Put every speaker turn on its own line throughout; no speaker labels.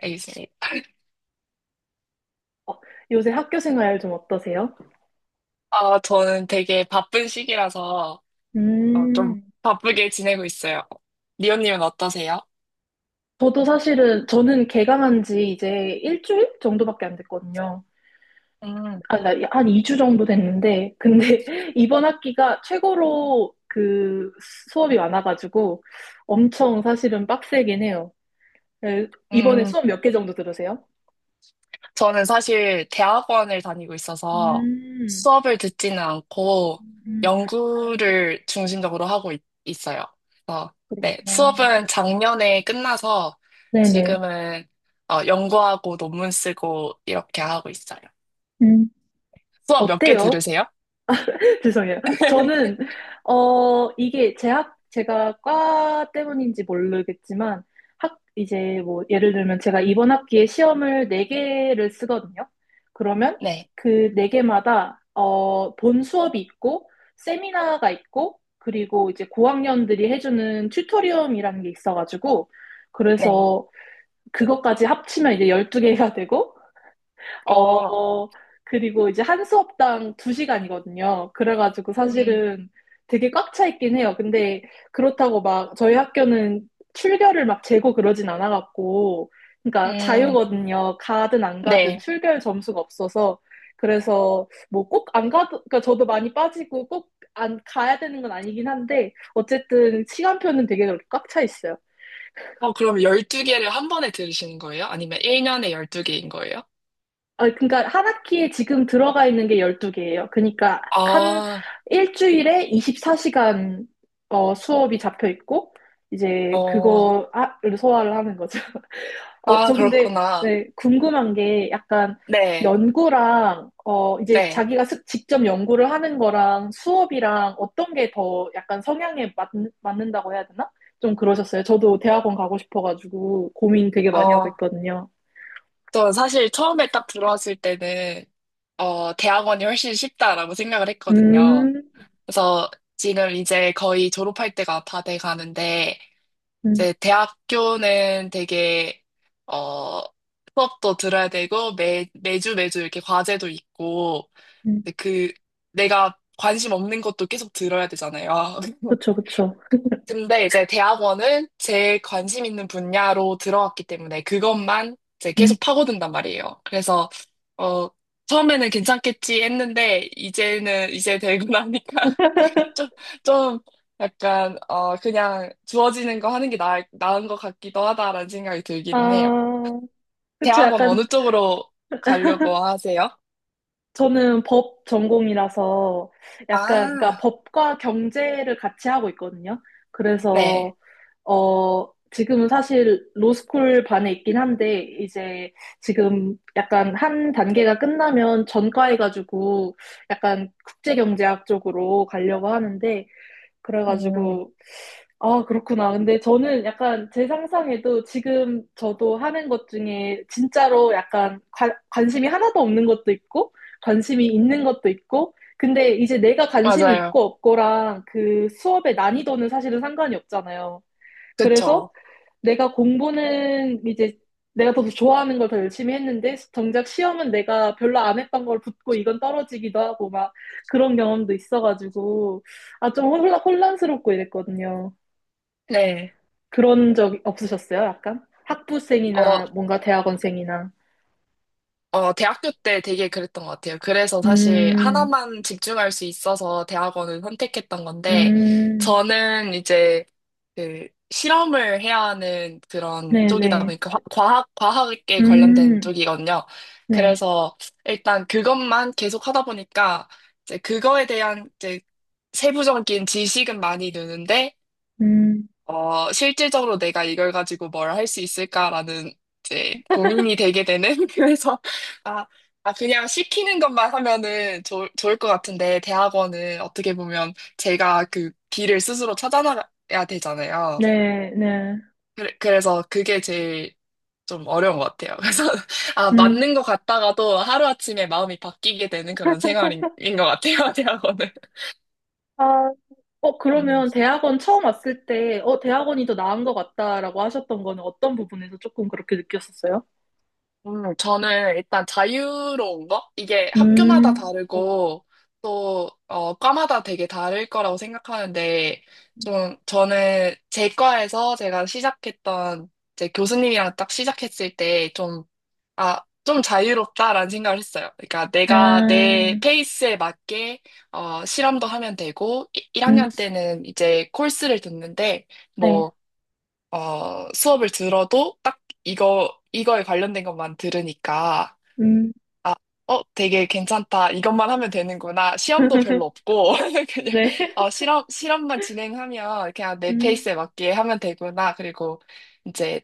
알겠습니다.
어, 요새 학교 생활 좀 어떠세요?
저는 되게 바쁜 시기라서 좀
음,
바쁘게 지내고 있어요. 리오님은 어떠세요?
저도 사실은 저는 개강한 지 이제 1주일 정도밖에 안 됐거든요.
음,
아, 나 한 2주 정도 됐는데 근데 이번 학기가 최고로 그 수업이 많아가지고 엄청 사실은 빡세긴 해요. 네, 이번에
음,
수업 몇 개 정도 들으세요?
저는 사실 대학원을 다니고 있어서
음,
수업을 듣지는 않고
음,
연구를 중심적으로 하고 있, 어요. 그래서, 네,
그렇구나.
수업은 작년에 끝나서
네네.
지금은 연구하고 논문 쓰고 이렇게 하고 있어요.
음,
수업 몇 개
어때요?
들으세요?
죄송해요. 저는, 어, 이게 제가 과 때문인지 모르겠지만, 이제 뭐, 예를 들면 제가 이번 학기에 시험을 네개를 쓰거든요. 그러면
네,
그 네개마다 어, 본 수업이 있고, 세미나가 있고, 그리고 이제 고학년들이 해주는 튜토리엄이라는 게 있어가지고,
네.
그래서 그것까지 합치면 이제 12개가 되고,
어,
어, 그리고 이제 한 수업당 두시간이거든요. 그래가지고
음,
사실은 되게 꽉 차 있긴 해요. 근데 그렇다고 막 저희 학교는 출결을 막 재고 그러진 않아갖고, 그러니까
음.
자유거든요. 가든 안 가든
네.
출결 점수가 없어서. 그래서 뭐 꼭 안 가도, 그러니까 저도 많이 빠지고 꼭 안 가야 되는 건 아니긴 한데, 어쨌든 시간표는 되게 그렇게 꽉 차 있어요.
그럼 12개를 한 번에 들으시는 거예요? 아니면 1년에 12개인 거예요?
아, 그러니까 한 학기에 지금 들어가 있는 게 12개예요. 그러니까 한
아,
일주일에 24시간 어, 수업이 잡혀 있고 이제
어,
그거를 소화를 하는 거죠. 어, 저 근데
그렇구나.
네, 궁금한 게 약간
네,
연구랑 어, 이제
네.
자기가 직접 연구를 하는 거랑 수업이랑 어떤 게 더 약간 성향에 맞, 맞는다고 해야 되나? 좀 그러셨어요. 저도 대학원 가고 싶어가지고 고민 되게 많이 하고
어,
있거든요.
저 사실 처음에 딱 들어왔을 때는, 대학원이 훨씬 쉽다라고 생각을 했거든요.
음,
그래서 지금 이제 거의 졸업할 때가 다 돼 가는데,
음,
이제 대학교는 되게, 어, 수업도 들어야 되고, 매주 매주 이렇게 과제도 있고,
음.
근데 그 내가 관심 없는 것도 계속 들어야 되잖아요.
그쵸, 그쵸.
근데 이제 대학원은 제 관심 있는 분야로 들어왔기 때문에 그것만 이제
음.
계속 파고든단 말이에요. 그래서 어 처음에는 괜찮겠지 했는데 이제는 이제 되고 나니까 좀, 좀 약간 그냥 주어지는 거 하는 게 나은 것 같기도 하다라는 생각이 들긴 해요.
아, 그쵸.
대학원 어느
약간
쪽으로 가려고 하세요?
저는 법 전공이라서 약간, 그러니까
아,
법과 경제를 같이 하고 있거든요.
네.
그래서, 어, 지금은 사실 로스쿨 반에 있긴 한데, 이제 지금 약간 한 단계가 끝나면 전과해가지고 약간 국제경제학 쪽으로 가려고 하는데,
음,
그래가지고 아, 그렇구나. 근데 저는 약간 제 상상에도 지금 저도 하는 것 중에 진짜로 약간 관심이 하나도 없는 것도 있고, 관심이 있는 것도 있고, 근데 이제 내가 관심이
맞아요.
있고 없고랑 그 수업의 난이도는 사실은 상관이 없잖아요.
그쵸.
그래서 내가 공부는 이제 내가 더 좋아하는 걸 더 열심히 했는데, 정작 시험은 내가 별로 안 했던 걸 붙고 이건 떨어지기도 하고 막 그런 경험도 있어가지고, 아, 좀 혼란스럽고 이랬거든요.
네.
그런 적 없으셨어요? 약간?
어,
학부생이나 뭔가 대학원생이나.
대학교 때 되게 그랬던 것 같아요. 그래서 사실
음,
하나만 집중할 수 있어서 대학원을 선택했던 건데,
음,
저는 이제 그 실험을 해야 하는 그런 쪽이다
네네.
보니까 과학에 관련된
음,
쪽이거든요.
네.
그래서 일단 그것만 계속 하다 보니까 이제 그거에 대한 이제 세부적인 지식은 많이 느는데,
음,
실질적으로 내가 이걸 가지고 뭘 할 수 있을까라는 이제 고민이 되게 되는 그래서 아, 아 그냥 시키는 것만 하면은 좋을 것 같은데 대학원은 어떻게 보면 제가 그 길을 스스로 찾아나가야 되잖아요.
네네.
그래, 그래서 그게 제일 좀 어려운 것 같아요. 그래서 아
음,
맞는 것 같다가도 하루아침에 마음이 바뀌게 되는 그런 생활인 것 같아요, 대학원은.
아, 어,
음.
그러면 대학원 처음 왔을 때, 어, 대학원이 더 나은 것 같다라고 하셨던 거는 어떤 부분에서 조금 그렇게 느꼈었어요?
저는 일단 자유로운 거? 이게 학교마다
음, 네.
다르고 또 과마다 되게 다를 거라고 생각하는데 좀 저는 제 과에서 제가 시작했던 제 교수님이랑 딱 시작했을 때 좀, 아, 좀 자유롭다라는 생각을 했어요. 그러니까
아,
내가 내 페이스에 맞게 실험도 하면 되고, 1학년 때는 이제 코र्스를 듣는데
네.
뭐 수업을 들어도 딱 이거에 관련된 것만 들으니까,
음,
아, 되게 괜찮다. 이것만 하면 되는구나. 시험도 별로 없고, 그냥,
네.
실험만 진행하면 그냥 내 페이스에
음,
맞게 하면 되구나. 그리고 이제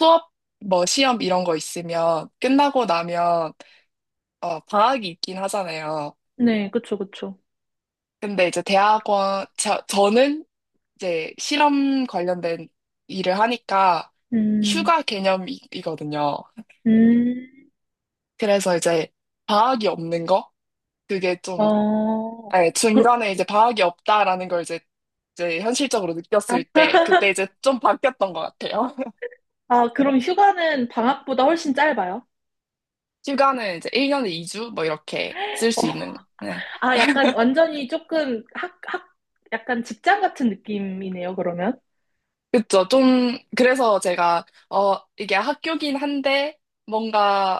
수업, 뭐 시험 이런 거 있으면 끝나고 나면, 방학이 있긴 하잖아요.
네. 그쵸, 그쵸.
근데 이제 대학원, 저는 이제 실험 관련된 일을 하니까
음,
휴가 개념이거든요.
음,
그래서 이제 과학이 없는 거? 그게 좀,
어,
예,
그,
중간에 이제 과학이 없다라는 걸 이제, 이제 현실적으로 느꼈을 때, 그때 이제 좀 바뀌었던 것 같아요.
아, 그럼 휴가는 방학보다 훨씬 짧아요?
휴가는 이제 1년에 2주? 뭐 이렇게 쓸 수
어,
있는, 네.
아, 약간 완전히 조금 약간 직장 같은 느낌이네요, 그러면.
그쵸. 좀, 그래서 제가, 이게 학교긴 한데, 뭔가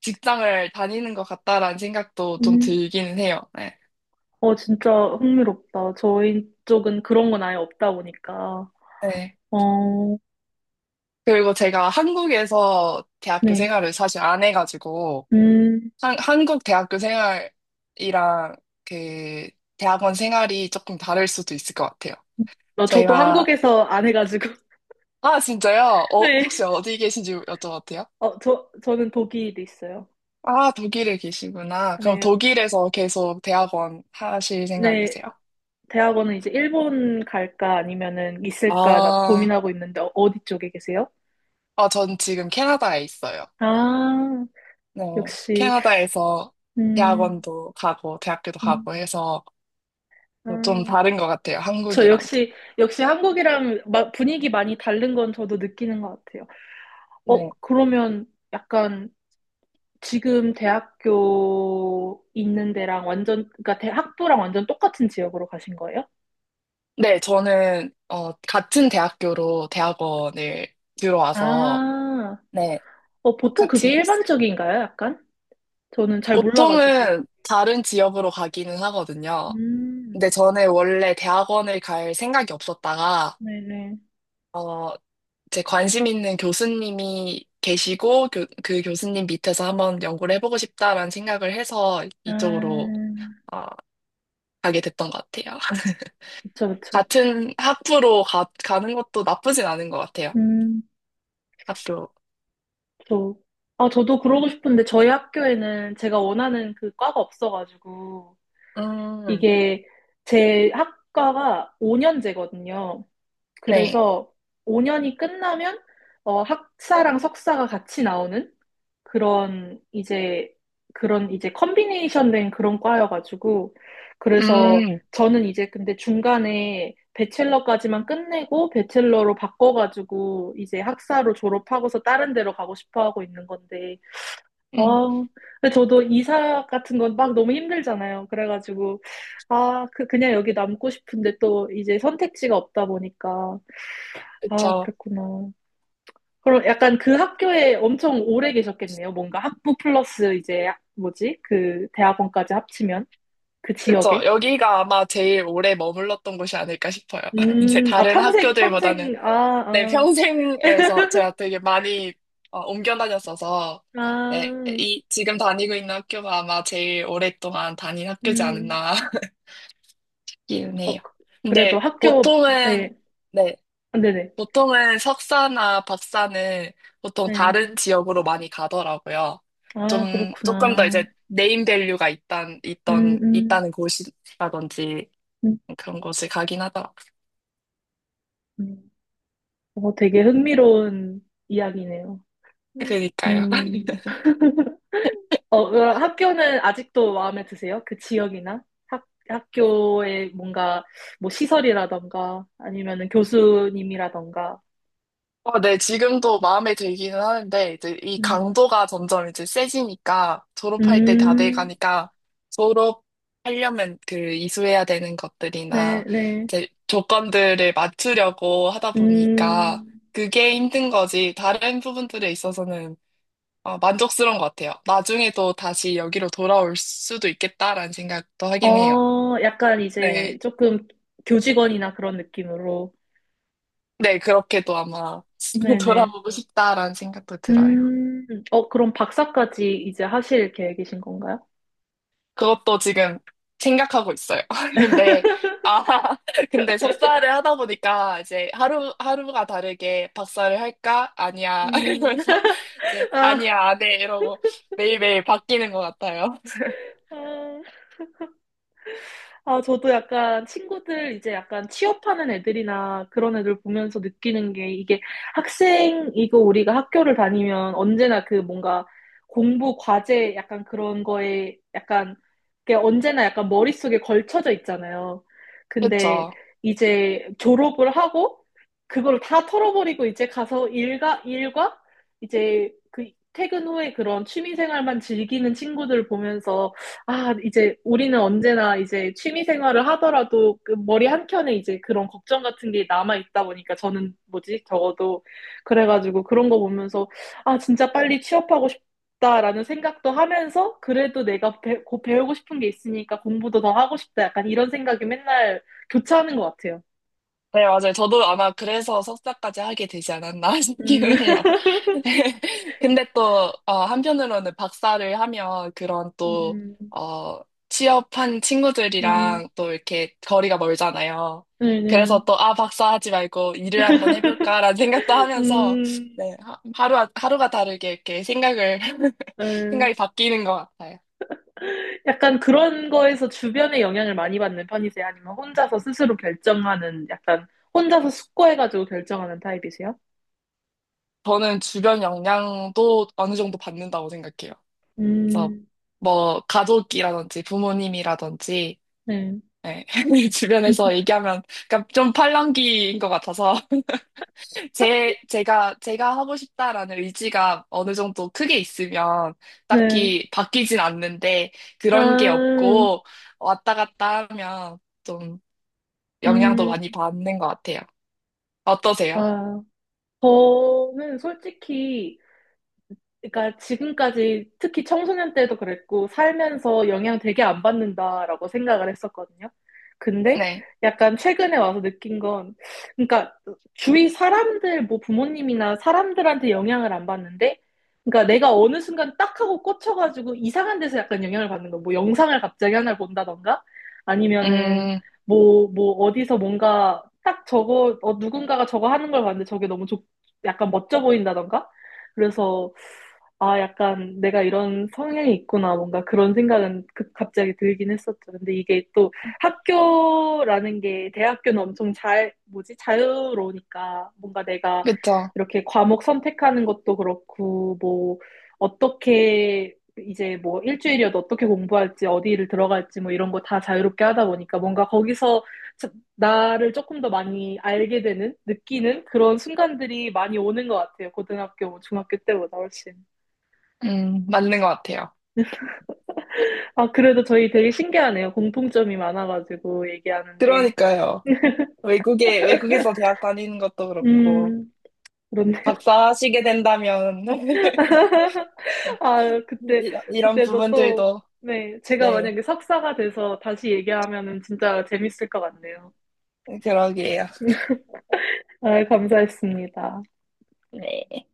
직장을 다니는 것 같다라는 생각도 좀
음,
들기는 해요. 네.
어, 진짜 흥미롭다. 저희 쪽은 그런 건 아예 없다 보니까.
네.
어,
그리고 제가 한국에서 대학교
네.
생활을 사실 안 해가지고,
음,
한국 대학교 생활이랑 그 대학원 생활이 조금 다를 수도 있을 것 같아요.
어, 저도
제가,
한국에서 안 해가지고.
아, 진짜요?
네.
혹시 어디 계신지 여쭤봐도 돼요?
어, 저는 독일에 있어요.
아, 독일에 계시구나. 그럼
네.
독일에서 계속 대학원 하실
네.
생각이세요?
대학원은 이제 일본 갈까 아니면은 있을까 나
아,
고민하고 있는데 어디 쪽에 계세요?
전 지금 캐나다에 있어요.
아,
네,
역시
캐나다에서
음,
대학원도 가고 대학교도
음,
가고 해서
아,
좀 다른 것 같아요,
저
한국이랑.
역시, 역시 한국이랑 분위기 많이 다른 건 저도 느끼는 것 같아요. 어, 그러면 약간 지금 대학교 있는 데랑 완전, 그러니까 대, 학부랑 완전 똑같은 지역으로 가신 거예요?
네, 저는 같은 대학교로 대학원을 들어와서
아,
네,
어, 보통 그게
똑같이 했어요.
일반적인가요? 약간? 저는 잘 몰라가지고.
보통은 다른 지역으로 가기는 하거든요.
음,
근데 저는 원래 대학원을 갈 생각이 없었다가
네네.
어, 제 관심 있는 교수님이 계시고 그 교수님 밑에서 한번 연구를 해보고 싶다라는 생각을 해서 이쪽으로
아,
어, 가게 됐던 것 같아요.
그쵸, 그쵸.
같은 학부로 가는 것도 나쁘진 않은 것 같아요.
음.
학교.
저, 아, 저도 그러고 싶은데 저희 학교에는 제가 원하는 그 과가 없어가지고
음,
이게 제 학과가 5년제거든요.
네.
그래서 5년이 끝나면 어, 학사랑 석사가 같이 나오는 그런 이제 그런 이제 컨비네이션 된 그런 과여가지고 그래서
음,
저는 이제 근데 중간에 배첼러까지만 끝내고 배첼러로 바꿔가지고 이제 학사로 졸업하고서 다른 데로 가고 싶어 하고 있는 건데 아,
음,
근데 저도 이사 같은 건 막 너무 힘들잖아요. 그래가지고, 아, 그냥 여기 남고 싶은데 또 이제 선택지가 없다 보니까. 아,
그쵸.
그랬구나. 그럼 약간 그 학교에 엄청 오래 계셨겠네요. 뭔가 학부 플러스 이제, 뭐지? 그 대학원까지 합치면? 그
그쵸.
지역에?
여기가 아마 제일 오래 머물렀던 곳이 아닐까 싶어요. 이제
아,
다른
평생,
학교들보다는.
평생, 아,
네,
아,
평생에서 제가 되게 많이 옮겨 다녔어서, 네,
아,
지금 다니고 있는 학교가 아마 제일 오랫동안 다닌 학교지
음,
않았나 기운해요.
그래도
근데
학교,
보통은,
네,
네,
아, 네네,
보통은 석사나 박사는 보통
네.
다른 지역으로 많이 가더라고요.
아,
좀, 조금 더
그렇구나.
이제 네임 밸류가
음, 음,
있다는 곳이라든지
음.
그런 곳을 가긴 하더라고요.
음. 어, 되게 흥미로운 이야기네요. 음.
그니까요.
음, 어, 그럼 학교는 아직도 마음에 드세요? 그 지역이나 학, 학교의 뭔가 뭐 시설이라던가 아니면은 교수님이라던가.
네, 지금도 마음에 들기는 하는데, 이제 이
음,
강도가 점점 이제 세지니까, 졸업할 때 다
음,
돼가니까, 졸업하려면 그 이수해야 되는
네,
것들이나,
네.
이제 조건들을 맞추려고 하다 보니까,
음,
그게 힘든 거지, 다른 부분들에 있어서는 만족스러운 것 같아요. 나중에도 다시 여기로 돌아올 수도 있겠다라는 생각도 하긴 해요.
어, 약간
네.
이제 조금 교직원이나 그런 느낌으로.
네, 그렇게도 아마
네네.
돌아오고 싶다라는 생각도 들어요.
음, 어, 그럼 박사까지 이제 하실 계획이신 건가요?
그것도 지금 생각하고 있어요. 근데, 아, 근데 석사를 하다 보니까 이제 하루가 다르게 박사를 할까? 아니야.
음.
이러면서 이제,
아,
아니야, 안 해. 이러고 매일매일 바뀌는 것 같아요.
아, 아, 저도 약간 친구들 이제 약간 취업하는 애들이나 그런 애들 보면서 느끼는 게 이게 학생이고 우리가 학교를 다니면 언제나 그 뭔가 공부 과제 약간 그런 거에 약간 그게 언제나 약간 머릿속에 걸쳐져 있잖아요. 근데
그쵸.
이제 졸업을 하고 그걸 다 털어버리고 이제 가서 일과 일과 이제 그 퇴근 후에 그런 취미 생활만 즐기는 친구들 보면서 아, 이제 우리는 언제나 이제 취미 생활을 하더라도 그 머리 한켠에 이제 그런 걱정 같은 게 남아 있다 보니까 저는 뭐지? 적어도 그래가지고 그런 거 보면서 아, 진짜 빨리 취업하고 싶다라는 생각도 하면서 그래도 내가 곧 배우고 싶은 게 있으니까 공부도 더 하고 싶다. 약간 이런 생각이 맨날 교차하는 것 같아요.
네, 맞아요. 저도 아마 그래서 석사까지 하게 되지 않았나 싶기도
음,
해요. 근데 또, 한편으로는 박사를 하면 그런 또,
음,
어, 취업한
음,
친구들이랑 또 이렇게 거리가 멀잖아요.
네네.
그래서 또, 아, 박사 하지 말고 일을 한번 해볼까라는 생각도 하면서,
음,
네, 하루가 다르게 이렇게 생각을,
네.
생각이 바뀌는 것 같아요.
약간 그런 거에서 주변의 영향을 많이 받는 편이세요? 아니면 혼자서 스스로 결정하는, 약간 혼자서 숙고해가지고 결정하는 타입이세요?
저는 주변 영향도 어느 정도 받는다고 생각해요. 그래서
음,
뭐 가족이라든지 부모님이라든지,
네.
네, 주변에서 얘기하면 그러니까 좀 팔랑귀인 것 같아서 제 제가 제가 하고 싶다라는 의지가 어느 정도 크게 있으면
네.
딱히 바뀌진 않는데
아,
그런 게 없고 왔다 갔다 하면 좀 영향도
음,
많이 받는 것 같아요. 어떠세요?
아. 저는 솔직히 그러니까 지금까지 특히 청소년 때도 그랬고 살면서 영향 되게 안 받는다라고 생각을 했었거든요. 근데
네.
약간 최근에 와서 느낀 건 그러니까 주위 사람들 뭐 부모님이나 사람들한테 영향을 안 받는데 그러니까 내가 어느 순간 딱 하고 꽂혀가지고 이상한 데서 약간 영향을 받는 거. 뭐 영상을 갑자기 하나 를 본다던가 아니면은
음,
뭐 뭐 어디서 뭔가 딱 저거 어, 누군가가 저거 하는 걸 봤는데 저게 너무 좋 약간 멋져 보인다던가 그래서 아, 약간 내가 이런 성향이 있구나. 뭔가 그런 생각은 갑자기 들긴 했었죠. 근데 이게 또 학교라는 게 대학교는 엄청 잘, 뭐지? 자유로우니까 뭔가 내가
그쵸.
이렇게 과목 선택하는 것도 그렇고, 뭐, 어떻게 이제 뭐 일주일이어도 어떻게 공부할지, 어디를 들어갈지 뭐 이런 거 다 자유롭게 하다 보니까 뭔가 거기서 자- 나를 조금 더 많이 알게 되는, 느끼는 그런 순간들이 많이 오는 것 같아요. 고등학교, 뭐 중학교 때보다 훨씬.
맞는 것 같아요.
아, 그래도 저희 되게 신기하네요. 공통점이 많아가지고 얘기하는데.
그러니까요. 외국에서 대학 다니는 것도 그렇고.
음, 그런데,
박사하시게 된다면
아, 그때,
이런, 이런
그때도 또,
부분들도.
네, 제가
네,
만약에 석사가 돼서 다시 얘기하면은 진짜 재밌을 것 같네요.
그러게요.
아, 감사했습니다.
네.